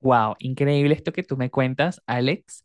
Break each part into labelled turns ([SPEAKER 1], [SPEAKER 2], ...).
[SPEAKER 1] Wow, increíble esto que tú me cuentas, Alex,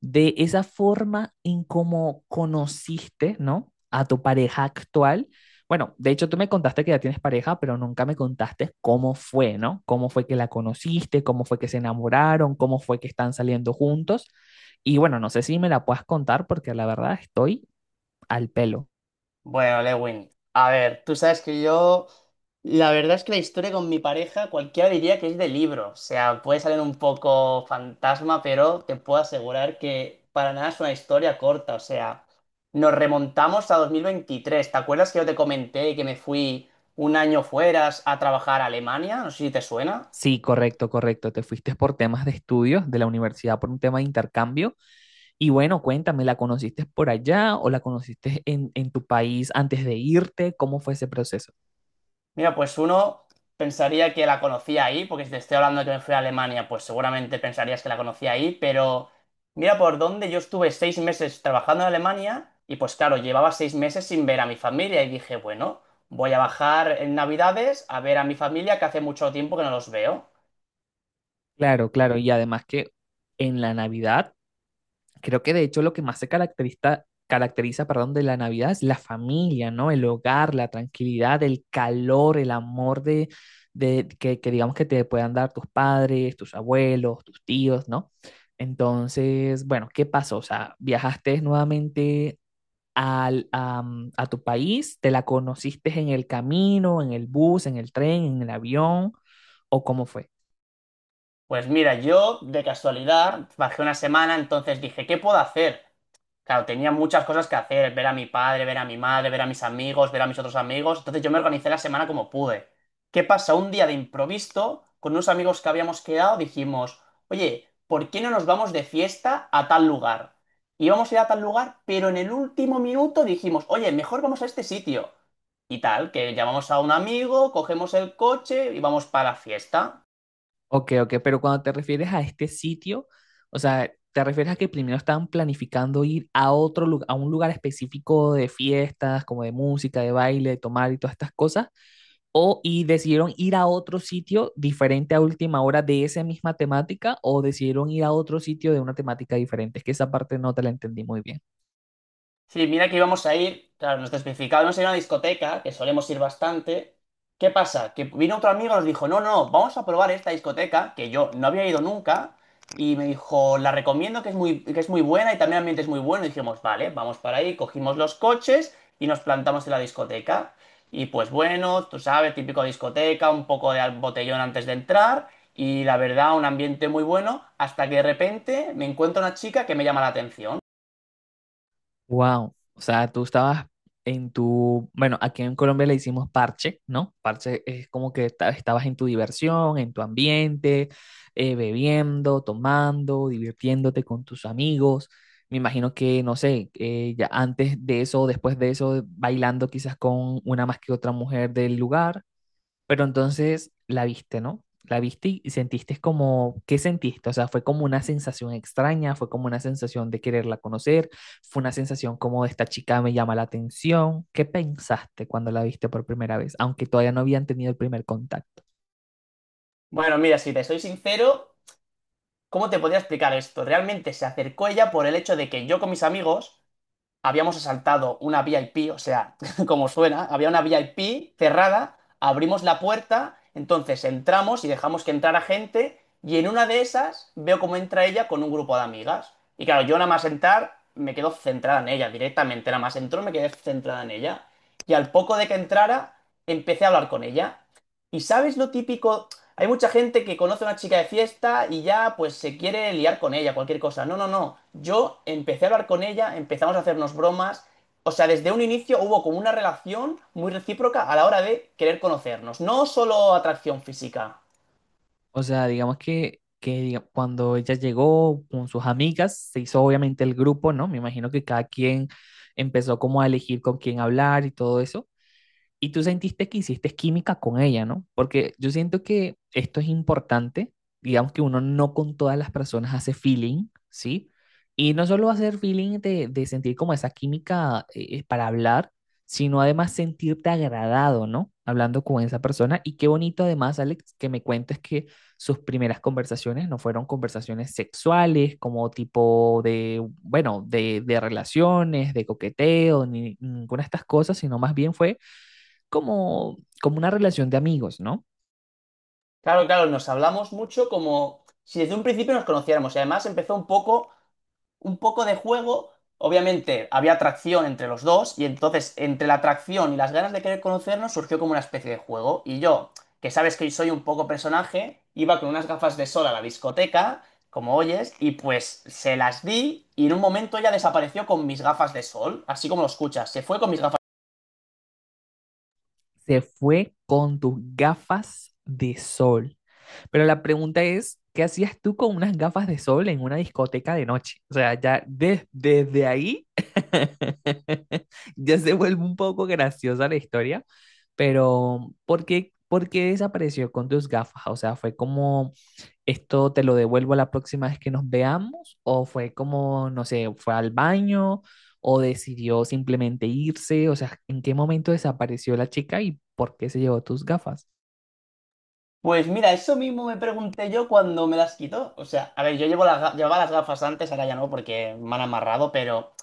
[SPEAKER 1] de esa forma en cómo conociste, ¿no? A tu pareja actual. Bueno, de hecho tú me contaste que ya tienes pareja, pero nunca me contaste cómo fue, ¿no? Cómo fue que la conociste, cómo fue que se enamoraron, cómo fue que están saliendo juntos. Y bueno, no sé si me la puedas contar porque la verdad estoy al pelo.
[SPEAKER 2] Bueno, Lewin, a ver, tú sabes que yo, la verdad es que la historia con mi pareja, cualquiera diría que es de libro, o sea, puede salir un poco fantasma, pero te puedo asegurar que para nada es una historia corta, o sea, nos remontamos a 2023. ¿Te acuerdas que yo te comenté que me fui un año fuera a trabajar a Alemania? No sé si te suena.
[SPEAKER 1] Sí, correcto, correcto. Te fuiste por temas de estudios de la universidad por un tema de intercambio. Y bueno, cuéntame, ¿la conociste por allá o la conociste en tu país antes de irte? ¿Cómo fue ese proceso?
[SPEAKER 2] Mira, pues uno pensaría que la conocía ahí, porque si te estoy hablando de que me fui a Alemania, pues seguramente pensarías que la conocía ahí, pero mira por dónde yo estuve seis meses trabajando en Alemania y pues claro, llevaba seis meses sin ver a mi familia y dije, bueno, voy a bajar en Navidades a ver a mi familia que hace mucho tiempo que no los veo.
[SPEAKER 1] Claro, claro. Y además que en la Navidad, creo que de hecho lo que más se caracteriza, caracteriza, perdón, de la Navidad es la familia, ¿no? El hogar, la tranquilidad, el calor, el amor de que digamos que te puedan dar tus padres, tus abuelos, tus tíos, ¿no? Entonces, bueno, ¿qué pasó? O sea, viajaste nuevamente al, a tu país? ¿Te la conociste en el camino, en el bus, en el tren, en el avión? ¿O cómo fue?
[SPEAKER 2] Pues mira, yo de casualidad bajé una semana, entonces dije, ¿qué puedo hacer? Claro, tenía muchas cosas que hacer, ver a mi padre, ver a mi madre, ver a mis amigos, ver a mis otros amigos. Entonces yo me organicé la semana como pude. ¿Qué pasa? Un día de improviso, con unos amigos que habíamos quedado, dijimos, oye, ¿por qué no nos vamos de fiesta a tal lugar? Íbamos a ir a tal lugar, pero en el último minuto dijimos, oye, mejor vamos a este sitio. Y tal, que llamamos a un amigo, cogemos el coche y vamos para la fiesta.
[SPEAKER 1] Ok, ok, pero cuando te refieres a este sitio, o sea, ¿te refieres a que primero estaban planificando ir a otro lugar, a un lugar específico de fiestas, como de música, de baile, de tomar y todas estas cosas? ¿O y decidieron ir a otro sitio diferente a última hora de esa misma temática? ¿O decidieron ir a otro sitio de una temática diferente? Es que esa parte no te la entendí muy bien.
[SPEAKER 2] Sí, mira que íbamos a ir, claro, nos especificado, íbamos a ir a una discoteca, que solemos ir bastante. ¿Qué pasa? Que vino otro amigo y nos dijo, no, no, vamos a probar esta discoteca, que yo no había ido nunca, y me dijo, la recomiendo, que es muy buena y también el ambiente es muy bueno. Y dijimos, vale, vamos para ahí, cogimos los coches y nos plantamos en la discoteca. Y pues bueno, tú sabes, típico discoteca, un poco de botellón antes de entrar, y la verdad, un ambiente muy bueno, hasta que de repente me encuentro una chica que me llama la atención.
[SPEAKER 1] Wow, o sea, tú estabas en tu, bueno, aquí en Colombia le hicimos parche, ¿no? Parche es como que estabas en tu diversión, en tu ambiente, bebiendo, tomando, divirtiéndote con tus amigos. Me imagino que, no sé, ya antes de eso, después de eso, bailando quizás con una más que otra mujer del lugar. Pero entonces la viste, ¿no? La viste y sentiste como, ¿qué sentiste? O sea, fue como una sensación extraña, fue como una sensación de quererla conocer, fue una sensación como esta chica me llama la atención. ¿Qué pensaste cuando la viste por primera vez? Aunque todavía no habían tenido el primer contacto.
[SPEAKER 2] Bueno, mira, si te soy sincero, ¿cómo te podría explicar esto? Realmente se acercó ella por el hecho de que yo con mis amigos habíamos asaltado una VIP, o sea, como suena, había una VIP cerrada, abrimos la puerta, entonces entramos y dejamos que entrara gente, y en una de esas veo cómo entra ella con un grupo de amigas. Y claro, yo nada más entrar, me quedo centrada en ella directamente, nada más entró, me quedé centrada en ella. Y al poco de que entrara, empecé a hablar con ella. ¿Y sabes lo típico? Hay mucha gente que conoce a una chica de fiesta y ya pues se quiere liar con ella, cualquier cosa. No, no, no. Yo empecé a hablar con ella, empezamos a hacernos bromas. O sea, desde un inicio hubo como una relación muy recíproca a la hora de querer conocernos. No solo atracción física.
[SPEAKER 1] O sea, digamos que, cuando ella llegó con sus amigas, se hizo obviamente el grupo, ¿no? Me imagino que cada quien empezó como a elegir con quién hablar y todo eso. Y tú sentiste que hiciste química con ella, ¿no? Porque yo siento que esto es importante, digamos que uno no con todas las personas hace feeling, ¿sí? Y no solo hacer feeling de sentir como esa química para hablar, sino además sentirte agradado, ¿no? Hablando con esa persona. Y qué bonito además, Alex, que me cuentes que sus primeras conversaciones no fueron conversaciones sexuales, como tipo de, bueno, de relaciones, de coqueteo, ni ninguna de estas cosas, sino más bien fue como, como una relación de amigos, ¿no?
[SPEAKER 2] Claro, claro, nos hablamos mucho como si desde un principio nos conociéramos. Y además empezó un poco de juego. Obviamente había atracción entre los dos y entonces entre la atracción y las ganas de querer conocernos surgió como una especie de juego. Y yo, que sabes que soy un poco personaje, iba con unas gafas de sol a la discoteca, como oyes, y pues se las di y en un momento ella desapareció con mis gafas de sol, así como lo escuchas, se fue con mis gafas.
[SPEAKER 1] Se fue con tus gafas de sol. Pero la pregunta es, ¿qué hacías tú con unas gafas de sol en una discoteca de noche? O sea, ya desde ahí ya se vuelve un poco graciosa la historia, pero por qué desapareció con tus gafas? O sea, fue como ¿esto te lo devuelvo la próxima vez que nos veamos? ¿O fue como, no sé, fue al baño o decidió simplemente irse? O sea, ¿en qué momento desapareció la chica y por qué se llevó tus gafas?
[SPEAKER 2] Pues mira, eso mismo me pregunté yo cuando me las quitó. O sea, a ver, yo llevo llevaba las gafas antes, ahora ya no porque me han amarrado, pero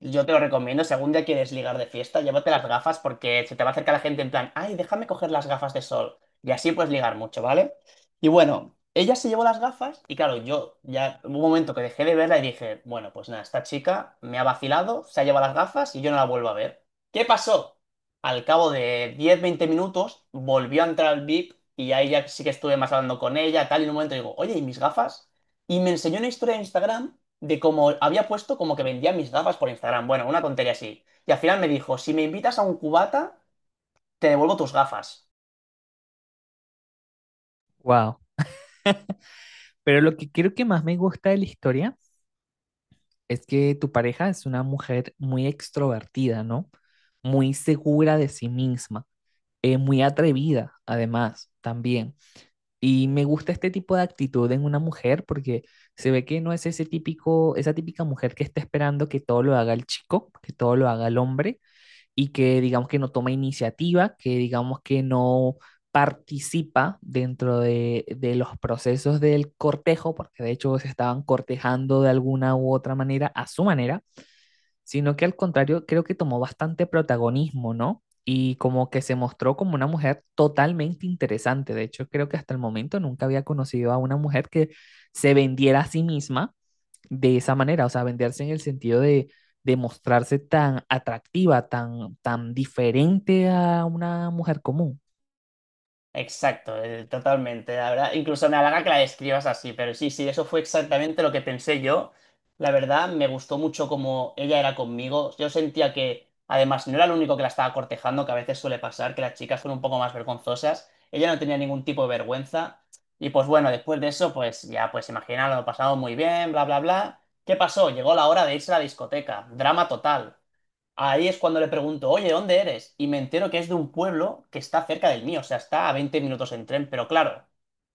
[SPEAKER 2] yo te lo recomiendo, si algún día quieres ligar de fiesta, llévate las gafas porque se te va a acercar la gente en plan, ay, déjame coger las gafas de sol. Y así puedes ligar mucho, ¿vale? Y bueno, ella se llevó las gafas y claro, yo ya hubo un momento que dejé de verla y dije, bueno, pues nada, esta chica me ha vacilado, se ha llevado las gafas y yo no la vuelvo a ver. ¿Qué pasó? Al cabo de diez, veinte minutos volvió a entrar al VIP y ahí ya sí que estuve más hablando con ella, tal, y en un momento digo, oye, ¿y mis gafas? Y me enseñó una historia de Instagram de cómo había puesto como que vendía mis gafas por Instagram. Bueno, una tontería así. Y al final me dijo, si me invitas a un cubata, te devuelvo tus gafas.
[SPEAKER 1] Wow. Pero lo que creo que más me gusta de la historia es que tu pareja es una mujer muy extrovertida, ¿no? Muy segura de sí misma, muy atrevida, además, también. Y me gusta este tipo de actitud en una mujer porque se ve que no es ese típico, esa típica mujer que está esperando que todo lo haga el chico, que todo lo haga el hombre y que digamos que no toma iniciativa, que digamos que no participa dentro de los procesos del cortejo, porque de hecho se estaban cortejando de alguna u otra manera a su manera, sino que al contrario creo que tomó bastante protagonismo, ¿no? Y como que se mostró como una mujer totalmente interesante. De hecho, creo que hasta el momento nunca había conocido a una mujer que se vendiera a sí misma de esa manera, o sea, venderse en el sentido de mostrarse tan atractiva, tan, tan diferente a una mujer común.
[SPEAKER 2] Exacto, totalmente, la verdad. Incluso me halaga que la describas así, pero sí, sí, eso fue exactamente lo que pensé yo. La verdad, me gustó mucho cómo ella era conmigo. Yo sentía que, además, no era el único que la estaba cortejando, que a veces suele pasar, que las chicas son un poco más vergonzosas. Ella no tenía ningún tipo de vergüenza. Y pues bueno, después de eso, pues ya, pues imagina, lo pasamos muy bien, bla, bla, bla. ¿Qué pasó? Llegó la hora de irse a la discoteca. Drama total. Ahí es cuando le pregunto, oye, ¿dónde eres? Y me entero que es de un pueblo que está cerca del mío, o sea, está a 20 minutos en tren, pero claro,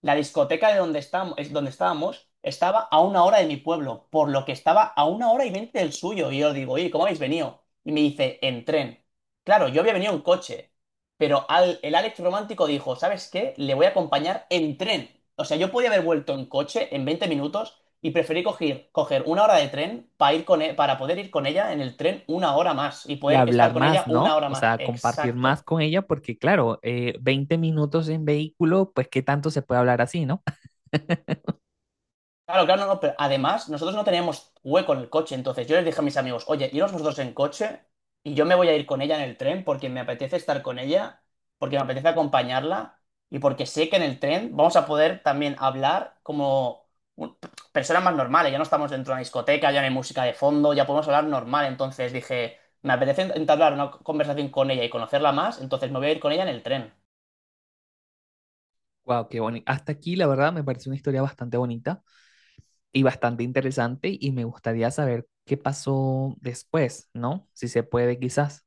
[SPEAKER 2] la discoteca de donde estábamos, estaba a una hora de mi pueblo, por lo que estaba a una hora y veinte del suyo. Y yo digo, oye, ¿cómo habéis venido? Y me dice, en tren. Claro, yo había venido en coche, pero el Alex romántico dijo, ¿sabes qué? Le voy a acompañar en tren. O sea, yo podía haber vuelto en coche en 20 minutos y preferí coger una hora de tren para ir para poder ir con ella en el tren una hora más y
[SPEAKER 1] Y
[SPEAKER 2] poder
[SPEAKER 1] hablar
[SPEAKER 2] estar con
[SPEAKER 1] más,
[SPEAKER 2] ella una
[SPEAKER 1] ¿no?
[SPEAKER 2] hora
[SPEAKER 1] O
[SPEAKER 2] más.
[SPEAKER 1] sea, compartir más
[SPEAKER 2] Exacto.
[SPEAKER 1] con ella, porque claro, 20 minutos en vehículo, pues qué tanto se puede hablar así, ¿no?
[SPEAKER 2] Claro, claro, no, no, pero además nosotros no teníamos hueco en el coche, entonces yo les dije a mis amigos, oye, iros vosotros en coche y yo me voy a ir con ella en el tren porque me apetece estar con ella, porque me apetece acompañarla y porque sé que en el tren vamos a poder también hablar como un- personas más normales, ya no estamos dentro de una discoteca, ya no hay música de fondo, ya podemos hablar normal, entonces dije, me apetece entablar una conversación con ella y conocerla más, entonces me voy a ir con ella en el tren.
[SPEAKER 1] Wow, qué bonito. Hasta aquí, la verdad, me parece una historia bastante bonita y bastante interesante y me gustaría saber qué pasó después, ¿no? Si se puede, quizás.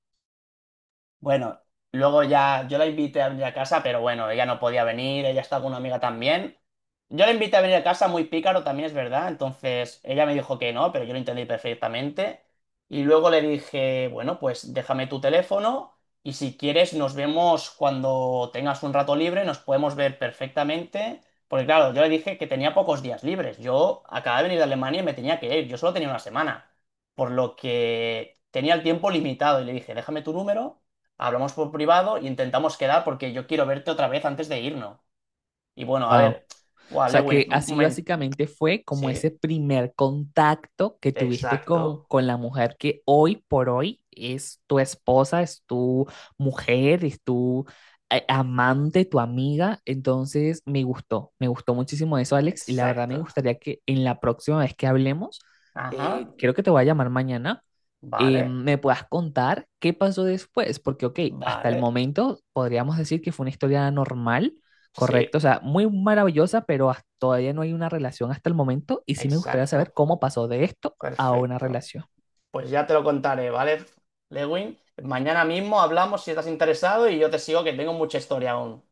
[SPEAKER 2] Bueno, luego ya yo la invité a venir a casa, pero bueno, ella no podía venir, ella está con una amiga también. Yo la invité a venir a casa muy pícaro también, es verdad. Entonces ella me dijo que no, pero yo lo entendí perfectamente. Y luego le dije, bueno, pues déjame tu teléfono y si quieres nos vemos cuando tengas un rato libre, nos podemos ver perfectamente. Porque claro, yo le dije que tenía pocos días libres. Yo acababa de venir de Alemania y me tenía que ir, yo solo tenía una semana. Por lo que tenía el tiempo limitado y le dije, déjame tu número, hablamos por privado y intentamos quedar porque yo quiero verte otra vez antes de irnos. Y bueno, a
[SPEAKER 1] Wow.
[SPEAKER 2] ver,
[SPEAKER 1] O
[SPEAKER 2] wow,
[SPEAKER 1] sea
[SPEAKER 2] Lewin,
[SPEAKER 1] que
[SPEAKER 2] un
[SPEAKER 1] así
[SPEAKER 2] momento.
[SPEAKER 1] básicamente fue como ese
[SPEAKER 2] Sí,
[SPEAKER 1] primer contacto que tuviste
[SPEAKER 2] exacto,
[SPEAKER 1] con la mujer que hoy por hoy es tu esposa, es tu mujer, es tu amante, tu amiga. Entonces me gustó muchísimo eso, Alex, y la verdad me
[SPEAKER 2] exacto.
[SPEAKER 1] gustaría que en la próxima vez que hablemos,
[SPEAKER 2] Ajá,
[SPEAKER 1] creo que te voy a llamar mañana,
[SPEAKER 2] vale,
[SPEAKER 1] me puedas contar qué pasó después, porque, ok, hasta el
[SPEAKER 2] vale.
[SPEAKER 1] momento podríamos decir que fue una historia normal. Correcto,
[SPEAKER 2] Sí,
[SPEAKER 1] o sea, muy maravillosa, pero todavía no hay una relación hasta el momento y sí me gustaría saber
[SPEAKER 2] exacto,
[SPEAKER 1] cómo pasó de esto a una
[SPEAKER 2] perfecto.
[SPEAKER 1] relación.
[SPEAKER 2] Pues ya te lo contaré, ¿vale, Lewin? Mañana mismo hablamos si estás interesado y yo te sigo que tengo mucha historia aún.